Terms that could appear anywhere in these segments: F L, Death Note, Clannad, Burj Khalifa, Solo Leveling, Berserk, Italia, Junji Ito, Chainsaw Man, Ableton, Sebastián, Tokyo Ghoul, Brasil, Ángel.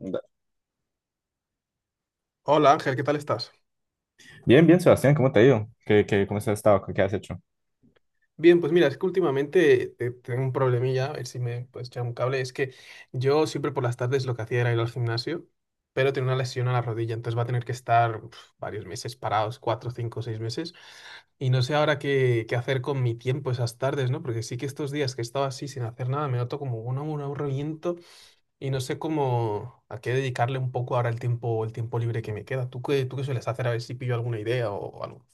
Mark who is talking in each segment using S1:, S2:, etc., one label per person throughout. S1: Da-
S2: Hola Ángel, ¿qué tal estás?
S1: Bien, bien, Sebastián, ¿cómo te ha ido? Cómo has estado? ¿Qué has hecho?
S2: Bien, pues mira, es que últimamente tengo un problemilla, a ver si me puedes echar un cable. Es que yo siempre por las tardes lo que hacía era ir al gimnasio, pero tengo una lesión a la rodilla, entonces va a tener que estar varios meses parados, cuatro, cinco, seis meses. Y no sé ahora qué hacer con mi tiempo esas tardes, ¿no? Porque sí que estos días que he estado así sin hacer nada, me noto como un aburrimiento y no sé cómo a qué dedicarle un poco ahora el tiempo libre que me queda. ¿Tú qué sueles hacer? A ver si pillo alguna idea o algo.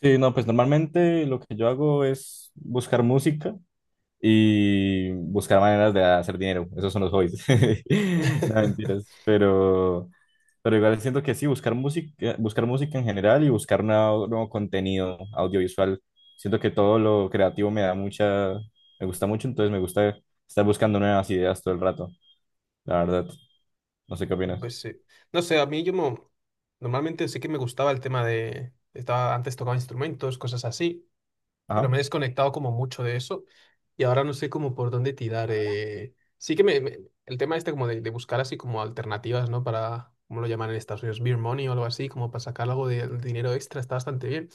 S1: Sí, no, pues normalmente lo que yo hago es buscar música y buscar maneras de hacer dinero. Esos son los hobbies. No, mentiras. Pero igual siento que sí, buscar música en general y buscar nuevo contenido audiovisual. Siento que todo lo creativo me da me gusta mucho, entonces me gusta estar buscando nuevas ideas todo el rato, la verdad. No sé qué opinas.
S2: Pues sí. No sé, a normalmente sí que me gustaba el tema de Estaba, antes tocaba instrumentos, cosas así, pero
S1: Ajá.
S2: me he desconectado como mucho de eso y ahora no sé como por dónde tirar. Sí que el tema este como de buscar así como alternativas, ¿no? Para, ¿cómo lo llaman en Estados Unidos? Beer money o algo así, como para sacar algo de, dinero extra, está bastante bien.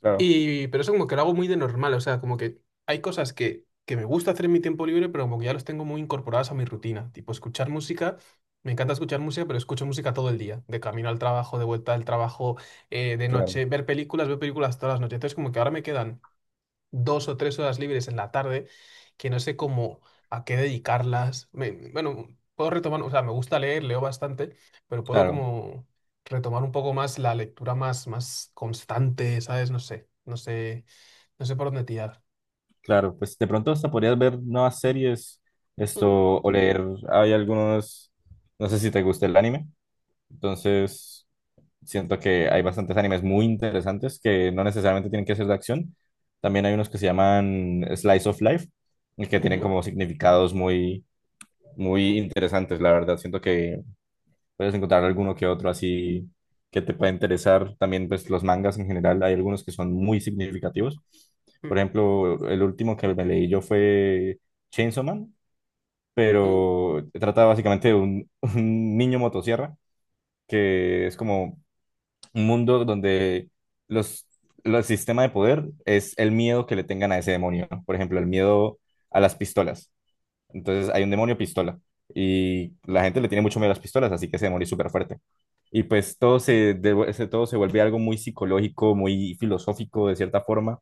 S1: Claro,
S2: Y, pero eso como que lo hago muy de normal, o sea, como que hay cosas que me gusta hacer en mi tiempo libre, pero como que ya los tengo muy incorporadas a mi rutina, tipo escuchar música, me encanta escuchar música, pero escucho música todo el día, de camino al trabajo, de vuelta al trabajo, de
S1: claro.
S2: noche, ver películas, veo películas todas las noches, entonces como que ahora me quedan dos o tres horas libres en la tarde que no sé cómo a qué dedicarlas. Bueno, puedo retomar, o sea, me gusta leer, leo bastante, pero puedo
S1: Claro.
S2: como retomar un poco más la lectura más, más constante, ¿sabes? No sé, no sé, no sé por dónde tirar.
S1: Claro, pues de pronto hasta podrías ver nuevas series,
S2: Mm,
S1: esto, o leer, hay algunos, no sé si te gusta el anime, entonces siento que hay bastantes animes muy interesantes que no necesariamente tienen que ser de acción, también hay unos que se llaman Slice of Life y que tienen
S2: ujú,
S1: como significados muy interesantes, la verdad, siento que puedes encontrar alguno que otro así que te pueda interesar. También, pues, los mangas en general, hay algunos que son muy significativos. Por
S2: mm,
S1: ejemplo, el último que me leí yo fue Chainsaw Man,
S2: mm.
S1: pero trata básicamente de un niño motosierra, que es como un mundo donde los, los sistema de poder es el miedo que le tengan a ese demonio. ¿No? Por ejemplo, el miedo a las pistolas. Entonces hay un demonio pistola y la gente le tiene mucho miedo a las pistolas, así que ese demonio es súper fuerte. Y pues todo todo se vuelve algo muy psicológico, muy filosófico de cierta forma,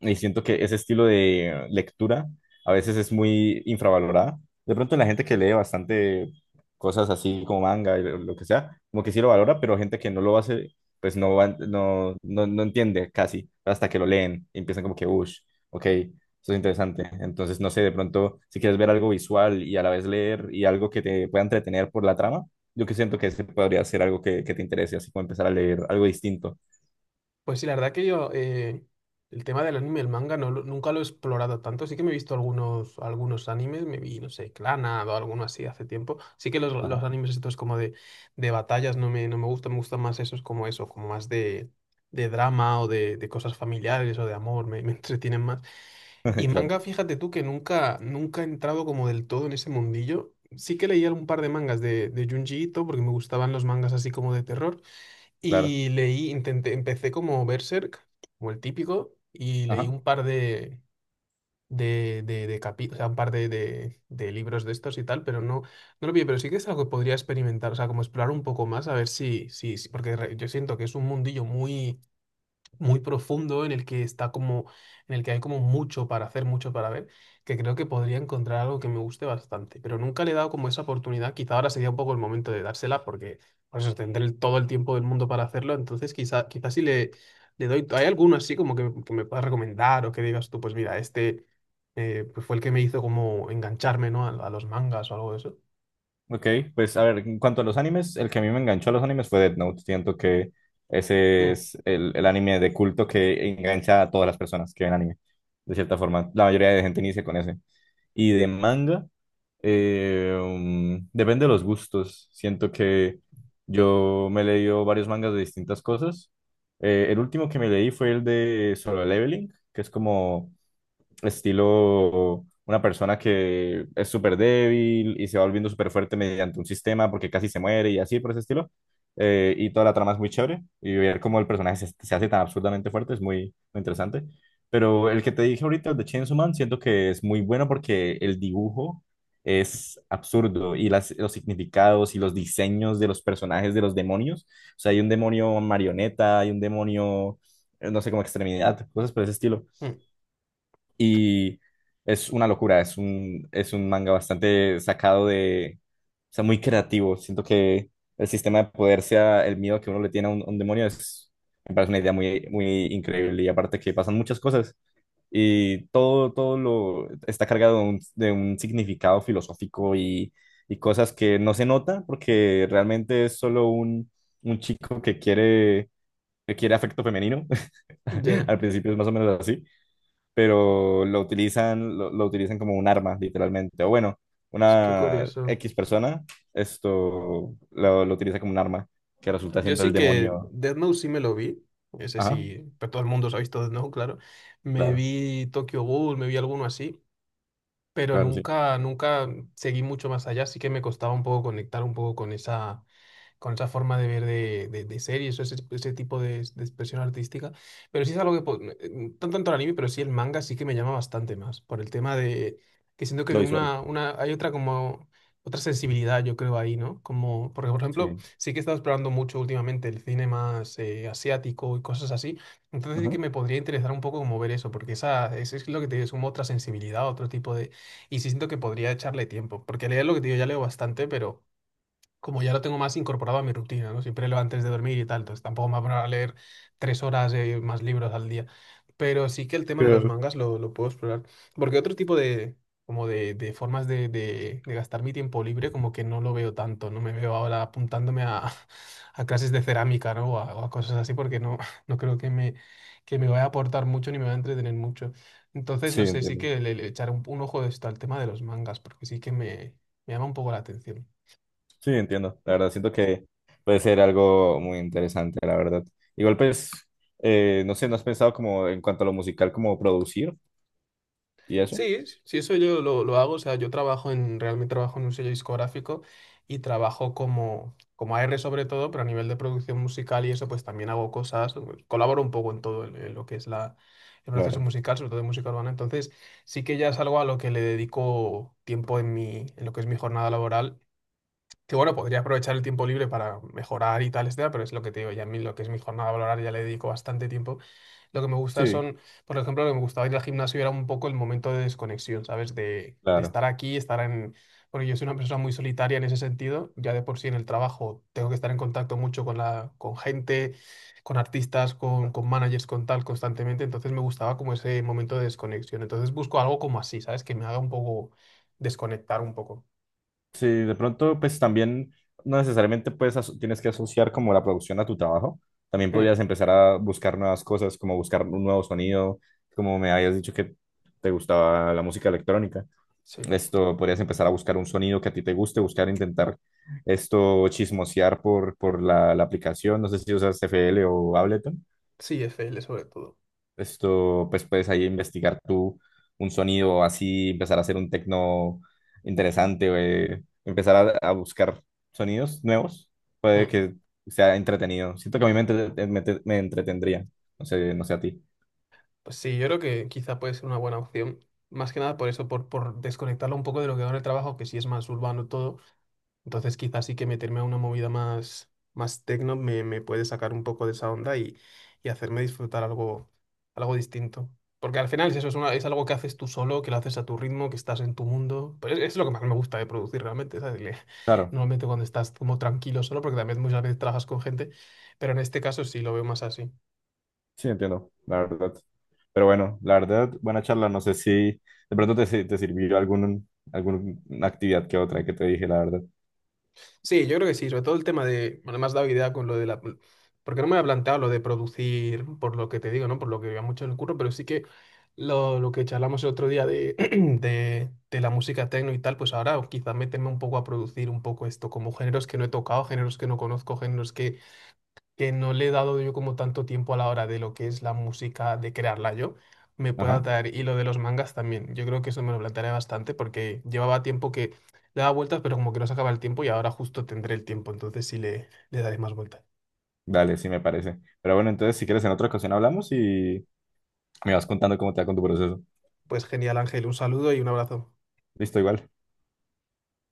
S1: y siento que ese estilo de lectura a veces es muy infravalorada. De pronto la gente que lee bastante cosas así como manga y lo que sea, como que sí lo valora, pero gente que no lo hace, pues no, no entiende casi hasta que lo leen y empiezan como que, uff, ok, eso es interesante. Entonces, no sé, de pronto si quieres ver algo visual y a la vez leer y algo que te pueda entretener por la trama, yo que siento que ese podría ser algo que te interese, así como empezar a leer algo distinto.
S2: Pues sí, la verdad que yo, el tema del anime y el manga nunca lo he explorado tanto. Sí que me he visto algunos, algunos animes, me vi, no sé, Clannad o alguno así hace tiempo. Sí que los
S1: Ajá,
S2: animes estos como de batallas no no me gustan, me gustan más esos como eso, como más de drama o de cosas familiares o de amor, me, me entretienen más. Y
S1: claro,
S2: manga, fíjate tú que nunca, nunca he entrado como del todo en ese mundillo. Sí que leí un par de mangas de Junji Ito porque me gustaban los mangas así como de terror.
S1: claro.
S2: Y leí, intenté, empecé como Berserk, como el típico, y leí
S1: Ajá.
S2: un par o sea, un par de libros de estos y tal, pero no, no lo vi, pero sí que es algo que podría experimentar, o sea, como explorar un poco más, a ver yo siento que es un mundillo muy muy profundo en el que está como, en el que hay como mucho para hacer, mucho para ver, que creo que podría encontrar algo que me guste bastante, pero nunca le he dado como esa oportunidad, quizá ahora sería un poco el momento de dársela porque por eso todo el tiempo del mundo para hacerlo, entonces quizá, quizá si le, le doy, ¿hay alguno así como que me puedas recomendar o que digas tú, pues mira, este pues fue el que me hizo como engancharme, ¿no? A los mangas o algo de eso.
S1: Ok, pues a ver, en cuanto a los animes, el que a mí me enganchó a los animes fue Death Note. Siento que ese
S2: Mm,
S1: es el anime de culto que engancha a todas las personas que ven anime, de cierta forma. La mayoría de gente inicia con ese. Y de manga, depende de los gustos. Siento que yo me he leído varios mangas de distintas cosas. El último que me leí fue el de Solo Leveling, que es como estilo una persona que es súper débil y se va volviendo súper fuerte mediante un sistema porque casi se muere y así por ese estilo. Y toda la trama es muy chévere y ver cómo el personaje se hace tan absurdamente fuerte es muy, muy interesante. Pero el que te dije ahorita, el de Chainsaw Man, siento que es muy bueno porque el dibujo es absurdo y los significados y los diseños de los personajes de los demonios. O sea, hay un demonio marioneta, hay un demonio, no sé, como extremidad, cosas por ese estilo.
S2: mm,
S1: Y es una locura, es un manga bastante sacado de, o sea, muy creativo. Siento que el sistema de poder sea el miedo que uno le tiene a a un demonio, es, me parece una idea muy, muy increíble. Y aparte que pasan muchas cosas y todo, todo lo está cargado de de un significado filosófico y cosas que no se nota porque realmente es solo un chico que que quiere afecto femenino.
S2: ya,
S1: Al principio es más o menos así pero lo utilizan, lo utilizan como un arma, literalmente. O bueno,
S2: es que
S1: una
S2: curioso.
S1: X persona, esto lo utiliza como un arma, que resulta
S2: Yo
S1: siendo el
S2: sí que
S1: demonio.
S2: Death Note sí me lo vi. Ese
S1: Ajá,
S2: sí, pero todo el mundo se ha visto Death Note, claro. Me
S1: claro,
S2: vi Tokyo Ghoul, me vi alguno así, pero
S1: claro, sí.
S2: nunca, nunca seguí mucho más allá, así que me costaba un poco conectar un poco con esa forma de ver de series o ese tipo de expresión artística. Pero sí es algo que, no tanto el anime, pero sí el manga sí que me llama bastante más, por el tema de que siento que
S1: Lo visual.
S2: una, hay otra como Otra sensibilidad, yo creo, ahí, ¿no? Como, porque, por ejemplo,
S1: Sí.
S2: sí que he estado explorando mucho últimamente el cine más asiático y cosas así. Entonces sí que
S1: Ajá.
S2: me podría interesar un poco como ver eso, porque esa, eso es lo que te digo, es como otra sensibilidad, otro tipo de Y sí siento que podría echarle tiempo, porque leer lo que te digo ya leo bastante, pero como ya lo tengo más incorporado a mi rutina, ¿no? Siempre leo antes de dormir y tal, entonces tampoco me voy a poner a leer tres horas más libros al día. Pero sí que el tema de los
S1: Claro.
S2: mangas lo puedo explorar. Porque otro tipo de, como de formas de gastar mi tiempo libre, como que no lo veo tanto, no me veo ahora apuntándome a, a clases de cerámica, ¿no? O a cosas así, porque no, no creo que que me vaya a aportar mucho ni me vaya a entretener mucho. Entonces,
S1: Sí,
S2: no sé, sí
S1: entiendo.
S2: que le echaré un ojo de esto al tema de los mangas, porque sí que me llama un poco la atención.
S1: Sí, entiendo. La verdad, siento que puede ser algo muy interesante, la verdad. Igual, pues, no sé, ¿no has pensado como en cuanto a lo musical, como producir y eso?
S2: Sí, sí, eso yo lo hago. O sea, yo trabajo en, realmente trabajo en un sello discográfico y trabajo como, como A R sobre todo, pero a nivel de producción musical y eso, pues también hago cosas, pues, colaboro un poco en todo en lo que es la, el proceso
S1: Claro.
S2: musical, sobre todo de música urbana. Entonces, sí que ya es algo a lo que le dedico tiempo en mi, en lo que es mi jornada laboral que bueno, podría aprovechar el tiempo libre para mejorar y tal, etcétera, pero es lo que te digo, ya a mí lo que es mi jornada laboral ya le dedico bastante tiempo. Lo que me gusta
S1: Sí.
S2: son, por ejemplo, lo que me gustaba ir al gimnasio era un poco el momento de desconexión, ¿sabes? De
S1: Claro.
S2: estar aquí, estar en Porque yo soy una persona muy solitaria en ese sentido, ya de por sí en el trabajo tengo que estar en contacto mucho con la, con gente, con artistas, con managers, con tal, constantemente, entonces me gustaba como ese momento de desconexión. Entonces busco algo como así, ¿sabes? Que me haga un poco desconectar un poco.
S1: Sí, de pronto, pues también no necesariamente tienes que asociar como la producción a tu trabajo. También
S2: Mm,
S1: podrías empezar a buscar nuevas cosas, como buscar un nuevo sonido, como me habías dicho que te gustaba la música electrónica.
S2: sí.
S1: Esto, podrías empezar a buscar un sonido que a ti te guste, buscar, intentar esto, chismosear por la aplicación. No sé si usas FL o Ableton.
S2: Sí, FL sobre todo.
S1: Esto, pues puedes ahí investigar tú un sonido así, empezar a hacer un tecno interesante, empezar a buscar sonidos nuevos, puede
S2: Mm.
S1: que sea entretenido. Siento que a mí me entretendría, no sé, no sé a ti.
S2: Pues sí, yo creo que quizá puede ser una buena opción. Más que nada por eso, por desconectarlo un poco de lo que ahora el trabajo, que sí es más urbano todo. Entonces quizás sí que meterme a una movida más, más tecno me puede sacar un poco de esa onda y hacerme disfrutar algo, algo distinto. Porque al final es eso, es algo que haces tú solo, que lo haces a tu ritmo, que estás en tu mundo. Pero es lo que más me gusta de producir realmente, ¿sabes?
S1: Claro,
S2: Normalmente cuando estás como tranquilo solo, porque también muchas veces trabajas con gente, pero en este caso sí lo veo más así.
S1: sí, entiendo, la verdad. Pero bueno, la verdad, buena charla, no sé si de pronto te, si- te sirvió algún, alguna actividad que otra que te dije, la verdad.
S2: Sí, yo creo que sí, sobre todo el tema de, bueno, me has dado idea con lo de la, porque no me había planteado lo de producir, por lo que te digo, ¿no? Por lo que veía mucho en el curro, pero sí que lo que charlamos el otro día de, de la música techno y tal, pues ahora quizás meterme un poco a producir un poco esto, como géneros que no he tocado, géneros que no conozco, géneros que no le he dado yo como tanto tiempo a la hora de lo que es la música, de crearla yo, me pueda
S1: Ajá,
S2: dar. Y lo de los mangas también. Yo creo que eso me lo plantearé bastante porque llevaba tiempo que le daba vueltas, pero como que no se acaba el tiempo y ahora justo tendré el tiempo, entonces sí le daré más vueltas.
S1: dale, sí me parece. Pero bueno, entonces si quieres en otra ocasión hablamos y me vas contando cómo te va con tu proceso.
S2: Pues genial, Ángel, un saludo y un abrazo.
S1: Listo, igual.